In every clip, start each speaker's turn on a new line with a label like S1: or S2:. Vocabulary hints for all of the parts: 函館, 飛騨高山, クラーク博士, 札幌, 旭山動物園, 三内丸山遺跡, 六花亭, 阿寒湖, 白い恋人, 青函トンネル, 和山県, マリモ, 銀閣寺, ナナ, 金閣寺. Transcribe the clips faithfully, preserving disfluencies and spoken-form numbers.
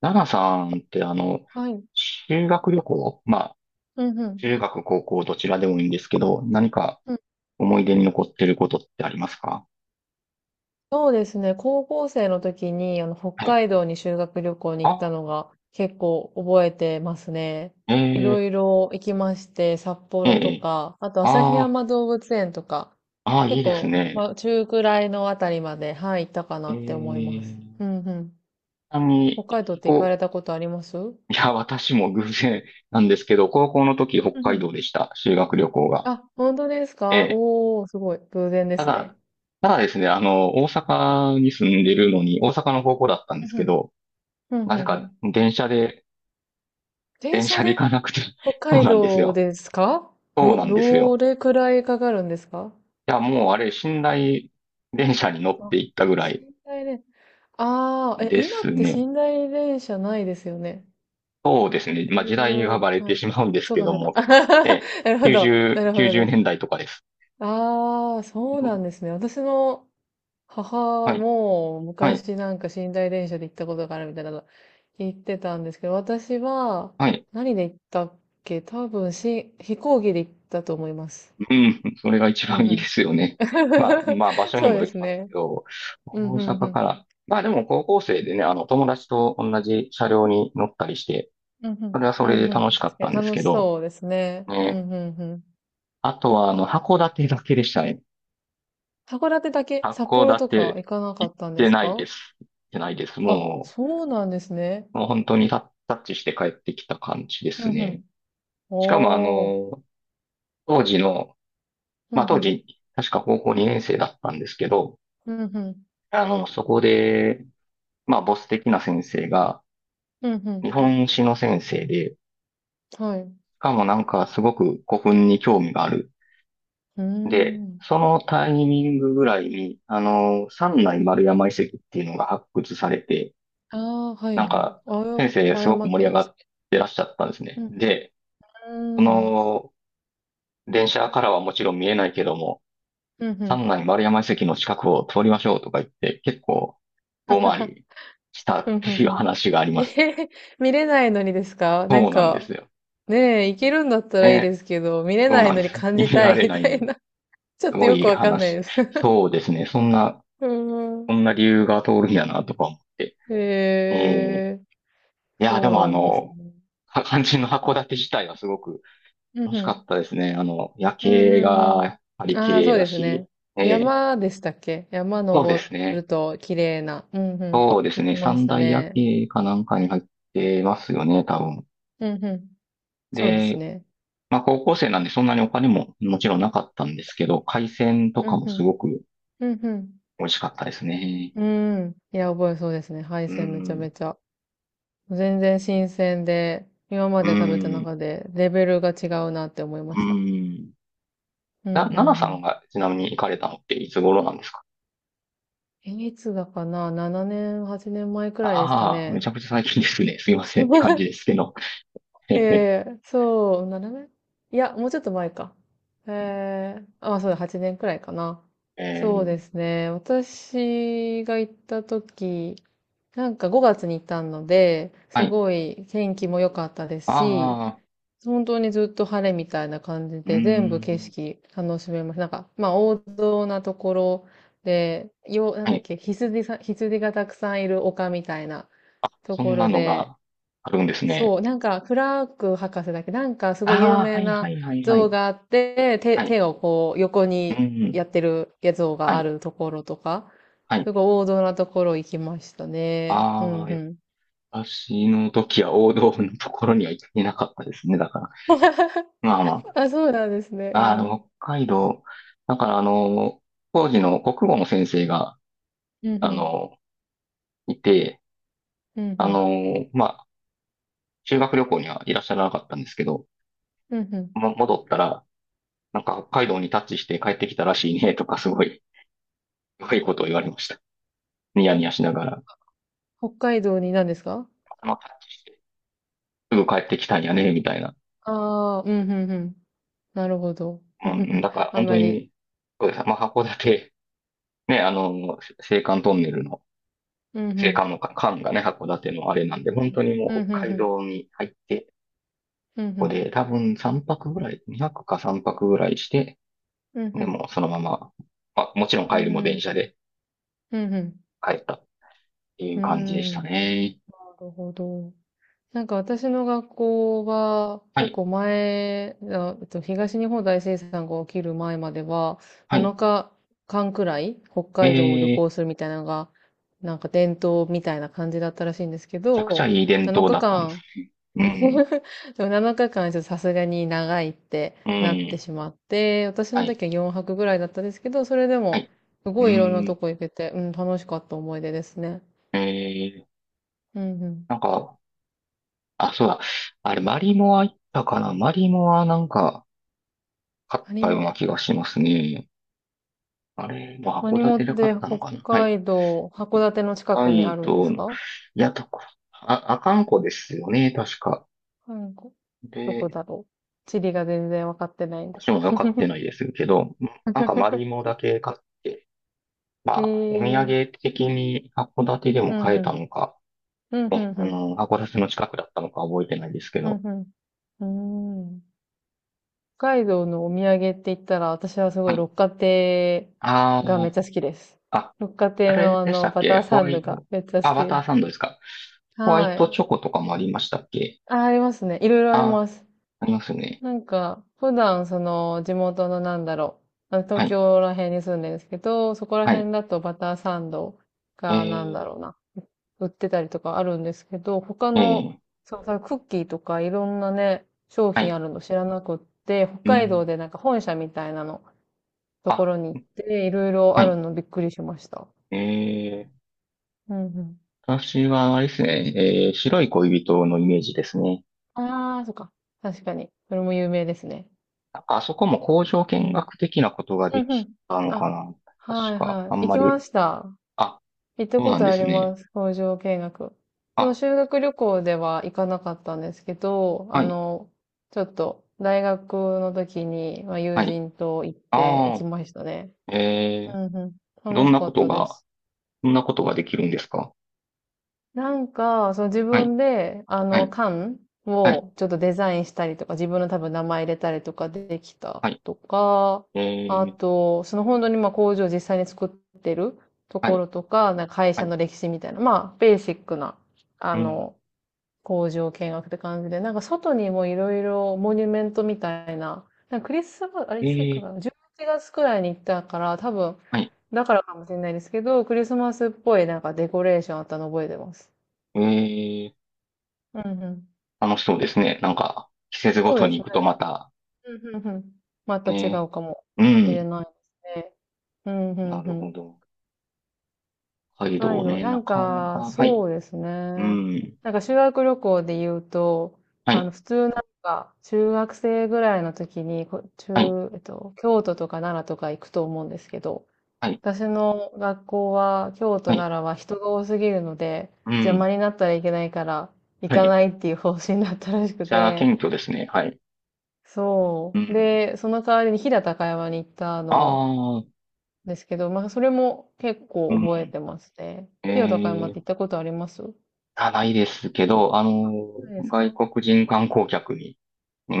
S1: ナナさんってあの、
S2: はい。
S1: 修学旅行、まあ、
S2: うんうん。
S1: 中学、高校、どちらでもいいんですけど、何か
S2: うん、
S1: 思い出に残ってることってありますか？
S2: そうですね。高校生の時に、あの、北
S1: はい。
S2: 海道に修学旅行に行っ
S1: あ、
S2: たのが結構覚えてますね。いろ
S1: ええ、
S2: いろ行きまして、札
S1: え
S2: 幌と
S1: え、
S2: か、あと旭
S1: あ
S2: 山動物園とか、
S1: あ、ああ、いい
S2: 結
S1: です
S2: 構、
S1: ね。
S2: まあ、中くらいのあたりまで、はい、行ったか
S1: え
S2: なって思います。
S1: え、
S2: う
S1: ち
S2: んうん。
S1: なみ
S2: 北
S1: に、
S2: 海道っ
S1: 飛
S2: て行か
S1: 行、
S2: れたことあります？うん
S1: いや、私も偶然なんですけど、高校の時、北
S2: う
S1: 海
S2: ん。
S1: 道でした。修学旅行が。
S2: あ、本当です
S1: え
S2: か？
S1: え、
S2: おー、すごい。偶然で
S1: た
S2: す
S1: だ、
S2: ね。
S1: ただですね、あの、大阪に住んでるのに、大阪の高校だったんで
S2: う
S1: す
S2: んう
S1: け
S2: ん。
S1: ど、
S2: うん
S1: な
S2: う
S1: ぜ
S2: んう
S1: か
S2: ん。
S1: 電車で
S2: 電
S1: 電
S2: 車
S1: 車で行
S2: で
S1: かなくて
S2: 北
S1: そう
S2: 海
S1: なんです
S2: 道
S1: よ。
S2: ですか？
S1: そう
S2: ど、
S1: なんです
S2: ど
S1: よ。
S2: れくらいかかるんですか？
S1: いや、もうあれ、寝台電車に乗って
S2: あ、
S1: 行ったぐらい
S2: 寝台電、ああ、え、
S1: で
S2: 今
S1: す
S2: って
S1: ね。
S2: 寝台電車ないですよね。
S1: そうですね。
S2: だ
S1: まあ、
S2: い
S1: 時代が
S2: ぶ、
S1: バレ
S2: は
S1: て
S2: い。
S1: しまうんです
S2: そう
S1: け
S2: か、
S1: ど
S2: そうか。
S1: も。え、
S2: なるほど。な
S1: きゅうじゅう、
S2: るほど
S1: 90
S2: です。
S1: 年代とかです。
S2: ああ、そう
S1: う
S2: な
S1: ん、
S2: んですね。私の母
S1: はい、
S2: も
S1: はい、
S2: 昔なんか寝台電車で行ったことがあるみたいなの言ってたんですけど、私は
S1: はい。
S2: 何で行ったっけ？多分し、飛行機で行ったと思います。
S1: うん、それが一
S2: う
S1: 番いいで
S2: ん。
S1: すよね。まあ、まあ、場所に
S2: そう
S1: も
S2: で
S1: より
S2: す
S1: ます
S2: ね。
S1: けど、
S2: うん、う
S1: 大
S2: ん、う
S1: 阪
S2: ん。
S1: から。まあ、でも高校生でね、あの、友達と同じ車両に乗ったりして、
S2: うん、う
S1: それ
S2: ん、
S1: はそ
S2: う
S1: れで
S2: ん、う
S1: 楽
S2: ん。
S1: しか
S2: 確
S1: ったん
S2: か
S1: で
S2: に
S1: す
S2: 楽
S1: け
S2: し
S1: ど、
S2: そうですね。うん、
S1: ね、
S2: うん、うん。
S1: あとは、あの、函館だけでしたね。
S2: 函館だけ、札
S1: 函
S2: 幌とか
S1: 館、
S2: 行かなか
S1: 行っ
S2: ったんで
S1: て
S2: す
S1: ないで
S2: か？
S1: す。行ってないです。
S2: あ、
S1: も
S2: そうなんですね。
S1: う、もう本当にタタッチして帰ってきた感じで
S2: う
S1: す
S2: ん、う
S1: ね。
S2: ん。
S1: しかも、あ
S2: おー。
S1: の、当時の、
S2: うん、
S1: ま
S2: う
S1: あ当
S2: ん。
S1: 時、確か高校にねん生だったんですけど、
S2: うん、うん。
S1: あの、そこで、まあボス的な先生が、
S2: うん、う
S1: 日
S2: ん。
S1: 本史の先生で、し
S2: はい。
S1: かもなんかすごく古墳に興味がある。
S2: うー
S1: で、
S2: ん。
S1: そのタイミングぐらいに、あの、三内丸山遺跡っていうのが発掘されて、
S2: ああはい、
S1: なん
S2: はい。
S1: か、
S2: あや、
S1: 先生
S2: 和
S1: すごく
S2: 山
S1: 盛り
S2: 県
S1: 上
S2: で
S1: が
S2: したっ
S1: っ
S2: け？
S1: てらっしゃったんです
S2: う
S1: ね。
S2: ん、
S1: で、
S2: う
S1: そ
S2: ん。うーん。
S1: の、電車からはもちろん見えないけども、
S2: うん、う
S1: 三
S2: ん。
S1: 内丸山遺跡の近くを通りましょうとか言って、結構、遠回 りした
S2: ふ
S1: っ
S2: ん
S1: て
S2: ふん
S1: い
S2: ふ
S1: う
S2: ん。
S1: 話がありま
S2: え
S1: す。
S2: へへ、見れないのにですか？な
S1: そ
S2: ん
S1: うなんで
S2: か、
S1: すよ。
S2: ねえ、行けるんだったらいいで
S1: ね。
S2: すけど、見れ
S1: そう
S2: ない
S1: なん
S2: の
S1: です。
S2: に感じ
S1: 見
S2: た
S1: ら
S2: い
S1: れ
S2: み
S1: ない
S2: た
S1: の
S2: い
S1: に。
S2: な。ちょっ
S1: す
S2: と
S1: ご
S2: よ
S1: い
S2: くわかんない
S1: 話。
S2: です。
S1: そうですね。そんな、
S2: うー
S1: そ
S2: ん。
S1: んな理由が通るんやなとか思って。
S2: へ
S1: えー
S2: え、
S1: いや、で
S2: そう
S1: もあ
S2: なんです
S1: の、
S2: ね。
S1: か肝心の函館自体はすごく
S2: うん
S1: 楽
S2: う
S1: しかっ
S2: ん。
S1: たですね。あの、夜
S2: うん
S1: 景
S2: うん
S1: が
S2: う
S1: やっぱ
S2: ん。
S1: り綺
S2: ああ、
S1: 麗
S2: そう
S1: だ
S2: です
S1: し、
S2: ね。
S1: ええ、
S2: 山でしたっけ、山
S1: そうです
S2: 登
S1: ね。
S2: ると綺麗な。うんうん。
S1: そうです
S2: 行き
S1: ね。
S2: ま
S1: 三
S2: した
S1: 大夜
S2: ね。
S1: 景かなんかに入ってますよね、多分。
S2: うんうん。そうです
S1: で、
S2: ね。
S1: まあ高校生なんでそんなにお金ももちろんなかったんですけど、海鮮と
S2: う
S1: か
S2: ん
S1: も
S2: う
S1: す
S2: ん。
S1: ごく
S2: うんうん。
S1: 美味しかったですね。
S2: うん。いや、覚えそうですね。配
S1: う
S2: 線めちゃめ
S1: ん、
S2: ちゃ。全然新鮮で、今ま
S1: う
S2: で食べた
S1: ん、
S2: 中でレベルが違うなって思いま
S1: う
S2: した。
S1: ん。
S2: う
S1: な、
S2: ん、うん、う
S1: 奈々さん
S2: ん。
S1: がちなみに行かれたのっていつ頃なんですか？
S2: え、いつだかな？ なな 年、はちねんまえくらいですか
S1: ああ、めち
S2: ね。
S1: ゃくちゃ最近ですね。すいませんって感じ ですけど。
S2: え えそう、ななねん、いや、もうちょっと前か。ええあ、そうだ、はちねんくらいかな。
S1: え
S2: そう
S1: ー、
S2: ですね。私が行った時、なんかごがつに行ったので、
S1: は
S2: す
S1: い。
S2: ごい天気も良かったですし、
S1: ああ、
S2: 本当にずっと晴れみたいな感じ
S1: う
S2: で、全部
S1: ー
S2: 景
S1: ん。
S2: 色楽しめます。なんか、まあ、王道なところで、よ、なん
S1: は
S2: だっ
S1: い。
S2: け、羊さん、羊がたくさんいる丘みたいなと
S1: そ
S2: こ
S1: んな
S2: ろ
S1: の
S2: で、
S1: があるんですね。
S2: そう、なんか、クラーク博士だっけ、なんか、すごい有
S1: ああ、
S2: 名
S1: はい
S2: な
S1: はいはいは
S2: 像
S1: い。
S2: があって、手、
S1: はい。
S2: 手をこう、横
S1: う
S2: に
S1: ん。
S2: やってる像
S1: は
S2: があ
S1: い。
S2: るところとか、
S1: はい。
S2: すごい王道なところ行きましたね。うん
S1: あ
S2: う
S1: あ、
S2: ん。
S1: 私の時は王道のところには行ってなかったですね。だから。まあま
S2: あ、そうなんですね。
S1: あ。
S2: う
S1: ああ、で
S2: ん。
S1: も北海道。だからあの、当時の国語の先生が、
S2: うんう
S1: あ
S2: ん。
S1: の、いて、
S2: うんう
S1: あ
S2: ん。
S1: の、まあ、修学旅行にはいらっしゃらなかったんですけど、
S2: うんうん。
S1: も、戻ったら、なんか北海道にタッチして帰ってきたらしいね、とかすごい、すごいことを言われました。ニヤニヤしながら、
S2: 北海道に何ですか？
S1: あの、タッチして、すぐ帰ってきたんやね、みたいな。
S2: ああー、うんうんうん。なるほど。
S1: うん、だから
S2: あん
S1: 本当
S2: まり。
S1: に、そうです。まあ、函館、ね、あの、青函トンネルの、
S2: うんう
S1: 青
S2: ん。
S1: 函の間がね、函館のあれなんで、
S2: うん
S1: 本当にも
S2: うん。う
S1: う
S2: ん
S1: 北
S2: うん
S1: 海
S2: うん。
S1: 道に入って、
S2: うんう
S1: ここ
S2: ん。
S1: で多分さんぱくぐらい、にはくかさんぱくぐらいして、
S2: うんう
S1: で
S2: ん。
S1: もうそのまま、まあ、もちろん
S2: う
S1: 帰りも電
S2: ん
S1: 車で
S2: うん。
S1: 帰ったってい
S2: う
S1: う感じでし
S2: ん。
S1: た
S2: な
S1: ね。
S2: るほど。なんか私の学校は
S1: は
S2: 結
S1: い、
S2: 構前、あえっと、東日本大震災が起きる前までは
S1: はい。
S2: なのかかんくらい北
S1: えー、
S2: 海道を旅
S1: め
S2: 行するみたいなのがなんか伝統みたいな感じだったらしいんですけ
S1: ちゃくちゃ
S2: ど、
S1: いい伝
S2: 7
S1: 統だったん
S2: 日
S1: です。
S2: 間、
S1: う ん、
S2: でもなのかかんちょっとさすがに長いって
S1: う
S2: なって
S1: ん、
S2: しまって、私の
S1: はい、
S2: 時はよんぱくぐらいだったんですけど、それで
S1: は
S2: も
S1: い、
S2: すご
S1: う
S2: いいろんなと
S1: ん。
S2: こ行けて、うん、楽しかった思い出ですね。
S1: ええ、
S2: うんうん。
S1: なんか、あ、そうだ。あれ、マリモは行ったかな？マリモはなんか、買っ
S2: 他に
S1: たよう
S2: も
S1: な気がしますね。あれ、まあ、函
S2: 何もっ
S1: 館で買
S2: て
S1: ったの
S2: 北
S1: かな？はい。
S2: 海道、函館の近
S1: は
S2: くにあ
S1: い
S2: るんで
S1: と
S2: す
S1: い
S2: か？
S1: や、とこ、あ、阿寒湖ですよね、確か。
S2: 韓国、どこ
S1: で、
S2: だろう、地理が全然わかってないんで
S1: 私
S2: す。
S1: も買ってないですけど、なんかマリモ だけ買って、
S2: へ
S1: まあ、お土
S2: えー。
S1: 産的に函館でも
S2: うん
S1: 買
S2: う
S1: えた
S2: ん。
S1: のか、
S2: うんうん
S1: あ
S2: うん。
S1: の、函館の近くだったのか覚えてないですけ
S2: うん
S1: ど、
S2: うん。うーん。北海道のお土産って言ったら、私はすご
S1: は
S2: い
S1: い。
S2: 六花亭
S1: あ
S2: がめっ
S1: ー
S2: ちゃ好きです。
S1: あ、
S2: 六花
S1: あ
S2: 亭
S1: れ
S2: のあ
S1: でした
S2: の、
S1: っ
S2: バ
S1: け？
S2: ター
S1: ホ
S2: サ
S1: ワ
S2: ンド
S1: イ
S2: が
S1: ト、
S2: めっちゃ好
S1: あ、
S2: き
S1: バ
S2: で
S1: タ
S2: す。
S1: ーサンドですか。ホワ
S2: は
S1: イト
S2: い。
S1: チョコとかもありましたっけ？
S2: あ、ありますね。いろいろあり
S1: あ、
S2: ます。
S1: ありますね。
S2: なんか、普段その地元のなんだろう、あの
S1: は
S2: 東
S1: い、
S2: 京ら辺に住んでるんですけど、そこら
S1: はい。
S2: 辺だとバターサンドがなんだ
S1: え
S2: ろうな、売ってたりとかあるんですけど、他
S1: ー、え
S2: の、
S1: ー、
S2: そう、そのクッキーとかいろんなね、商
S1: は
S2: 品
S1: い。
S2: あるの知らなくって、北
S1: う
S2: 海
S1: ん。
S2: 道でなんか本社みたいなのと
S1: あ、
S2: ころに行って、いろいろ
S1: は
S2: ある
S1: い。
S2: のびっくりしました。
S1: えー、
S2: うんうん。
S1: 私はあれですね、えー、白い恋人のイメージですね。
S2: ああ、そっか。確かに。それも有名ですね。
S1: なんかあそこも工場見学的なことがで
S2: うんう
S1: き
S2: ん。
S1: たのか
S2: あ、
S1: な？確
S2: はい
S1: か、
S2: は
S1: あ
S2: い。
S1: ん
S2: 行
S1: ま
S2: きま
S1: り、
S2: した。
S1: あ、
S2: 行った
S1: そう
S2: こ
S1: なん
S2: と
S1: で
S2: あ
S1: す
S2: り
S1: ね。
S2: ます。工場見学。その
S1: あ、
S2: 修学旅行では行かなかったんですけど、あ
S1: はい、
S2: の、ちょっと大学の時に、まあ、友
S1: はい。
S2: 人と行って行
S1: あ
S2: きましたね。
S1: あ、え
S2: うんうん。
S1: ー、
S2: 楽
S1: どん
S2: し
S1: な
S2: か
S1: こ
S2: っ
S1: と
S2: たで
S1: が、
S2: す。
S1: どんなことができるんですか？
S2: なんか、その自
S1: はい。
S2: 分で、あ
S1: は
S2: の、
S1: い
S2: 缶
S1: はい、
S2: をちょっとデザインしたりとか、自分の多分名前入れたりとかできた
S1: はい、
S2: とか、
S1: え
S2: あ
S1: ー、
S2: と、その本当にまあ工場を実際に作ってると
S1: は
S2: こ
S1: い、
S2: ろとか、なんか会
S1: は
S2: 社
S1: い、
S2: の歴史みたいな、まあ、ベーシックな、あ
S1: うん、
S2: の、工場見学って感じで、なんか外にもいろいろモニュメントみたいな、なんかクリスマス、あれ
S1: え
S2: いつか
S1: ー、
S2: な、じゅういちがつくらいに行ったから、多分、
S1: はい、
S2: だからかもしれないですけど、クリスマスっぽいなんかデコレーションあったの覚えてます。
S1: え
S2: うんうん。
S1: ー、楽しそうですね。なんか、季節ご
S2: そう
S1: と
S2: です
S1: に
S2: ね。
S1: 行くとまた、
S2: うんうんうん。また違
S1: ね、
S2: うかも
S1: う
S2: しれ
S1: ん、
S2: ないですね。うんう
S1: な
S2: んう
S1: るほ
S2: ん。
S1: ど。北海
S2: 北海
S1: 道
S2: 道、
S1: ね、
S2: な
S1: な
S2: ん
S1: かな
S2: か、
S1: か、はい、
S2: そうです
S1: う
S2: ね。
S1: ん、
S2: なんか修学旅行で言うと、
S1: は
S2: あの、
S1: い、
S2: 普通なんか、中学生ぐらいの時に、こ
S1: はい、
S2: 中、えっと、京都とか奈良とか行くと思うんですけど、
S1: はい、
S2: 私の学校は、京都、
S1: はい、
S2: 奈良は人が多すぎるので、
S1: う
S2: 邪魔
S1: ん、
S2: になったらいけないから、行
S1: はい、
S2: か
S1: め
S2: ないっていう方針だったらし
S1: っ
S2: く
S1: ちゃ謙
S2: て、
S1: 虚ですね、はい、う
S2: そう。
S1: ん、
S2: で、その代わりに飛騨高山に行ったの
S1: ああ、
S2: ですけど、まあ、それも結
S1: う
S2: 構覚え
S1: ん、
S2: てますね。飛騨高山
S1: え
S2: っ
S1: ー、
S2: て行ったことありますな
S1: あ、ないですけど、あの
S2: いで
S1: ー、
S2: すか？
S1: 外国人観光客に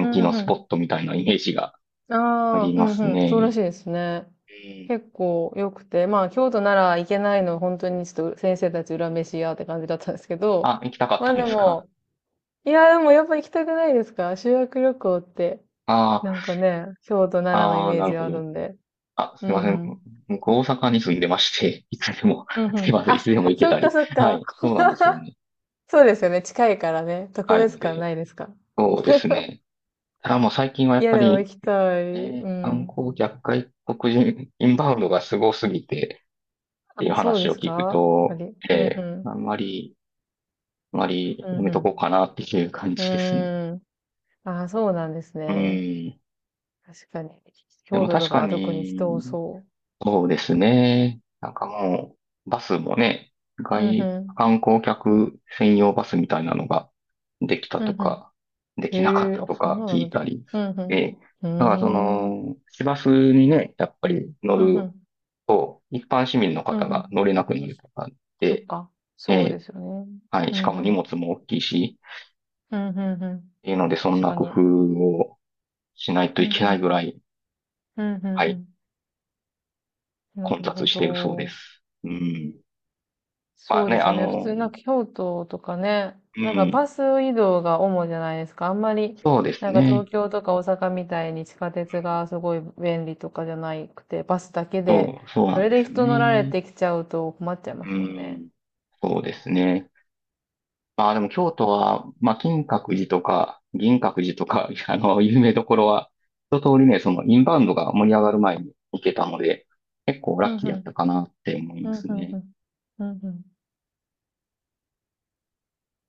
S2: う
S1: 気
S2: ん
S1: の
S2: う
S1: スポッ
S2: ん。
S1: トみたいなイメージがあ
S2: あ
S1: り
S2: あ、う
S1: ま
S2: ん
S1: す
S2: うん。そうらし
S1: ね。
S2: いですね。
S1: うん、
S2: 結構良くて、まあ、京都なら行けないの、本当にちょっと先生たち裏飯やって感じだったんですけど、
S1: あ、行きたかっ
S2: ま
S1: た
S2: あ
S1: ん
S2: で
S1: ですか？
S2: も、いや、でもやっぱ行きたくないですか、修学旅行って、な
S1: あ
S2: んかね、京都、奈良のイ
S1: あ、ああ、
S2: メー
S1: なる
S2: ジ
S1: ほ
S2: ある
S1: ど。
S2: んで。
S1: あ、
S2: う
S1: すいませ
S2: んう
S1: ん。
S2: ん。
S1: 僕、大阪に住んでまして、いつでも、
S2: うん う
S1: すい
S2: ん。
S1: ません、い
S2: あ、
S1: つでも行け
S2: そ
S1: た
S2: っか
S1: り。
S2: そっ
S1: は
S2: か。
S1: い、そうなんですよ ね。
S2: そうですよね。近いからね。特
S1: 近いの
S2: 別感
S1: で、
S2: ないですか。
S1: そうですね。ただもう最近はや
S2: い
S1: っ
S2: や、
S1: ぱ
S2: でも行
S1: り、
S2: きた
S1: え
S2: い。う
S1: ー観
S2: ん。
S1: 光客外国人、インバウンドがすごすぎて、っ
S2: あ、
S1: ていう
S2: そうで
S1: 話を
S2: す
S1: 聞く
S2: か、やっ
S1: と、
S2: ぱり。うんう
S1: えーあ
S2: ん。
S1: んまり、あんまり
S2: う
S1: や
S2: ん
S1: めと
S2: う
S1: こうかなっていう感
S2: ん。う
S1: じですね。
S2: ーん。あ、そうなんです
S1: う
S2: ね。
S1: ん。
S2: 確かに。
S1: で
S2: 京
S1: も
S2: 都と
S1: 確
S2: か
S1: か
S2: は特に人多
S1: に、
S2: そ
S1: そうですね。なんかもう、バスもね、
S2: う。うん
S1: 外、
S2: うん。
S1: 観光客専用バスみたいなのができた
S2: う
S1: と
S2: んう
S1: か、で
S2: ん。へ
S1: きなかっ
S2: え、
S1: た
S2: あ、
S1: と
S2: そん
S1: か
S2: なのあ
S1: 聞
S2: るん
S1: い
S2: だ。
S1: たり。
S2: うん
S1: え、
S2: う
S1: だからそ
S2: ん。うーん。
S1: の、市バスにね、やっぱり乗
S2: うんう
S1: る
S2: ん。
S1: と、一般市民の
S2: う
S1: 方
S2: んう
S1: が
S2: ん。
S1: 乗れなくなるとか
S2: そっ
S1: で、
S2: か。そう
S1: え、
S2: ですよね。
S1: はい、
S2: う
S1: しか
S2: んう
S1: も荷
S2: ん。
S1: 物も大きいし、
S2: うんうんうん。
S1: っていうので、そん
S2: 確
S1: な
S2: か
S1: 工
S2: に。
S1: 夫をしないと
S2: う
S1: い
S2: ん
S1: け
S2: う
S1: ないぐ
S2: ん
S1: らい、
S2: うん。うんう
S1: は
S2: んう
S1: い、
S2: ん。な
S1: 混
S2: る
S1: 雑
S2: ほ
S1: しているそうで
S2: ど。
S1: す。うん。まあ
S2: そうで
S1: ね、
S2: す
S1: あ
S2: よね。普通
S1: の、
S2: なんか京都とかね、
S1: う
S2: なんか
S1: ん。
S2: バス移動が主じゃないですか。あんまり、
S1: そうです
S2: なんか東
S1: ね。
S2: 京とか大阪みたいに地下鉄がすごい便利とかじゃなくて、バスだけで、
S1: そう、そう
S2: そ
S1: なん
S2: れ
S1: で
S2: で
S1: すよ
S2: 人乗られ
S1: ね。
S2: てきちゃうと困っちゃいま
S1: う
S2: すもんね。
S1: ん、そうですね。まあでも京都は、まあ金閣寺とか銀閣寺とか、あの、有名どこ
S2: う
S1: ろ
S2: ん
S1: は、一通りね、そのインバウンドが盛り上
S2: うん
S1: が
S2: うん。
S1: る前に行けたので、結構ラ
S2: ふ
S1: ッ
S2: ん
S1: キ
S2: ふ
S1: ーだった
S2: ん。
S1: かなって思い
S2: う
S1: ま
S2: ん
S1: す
S2: うんう
S1: ね。
S2: ん。うんうんんん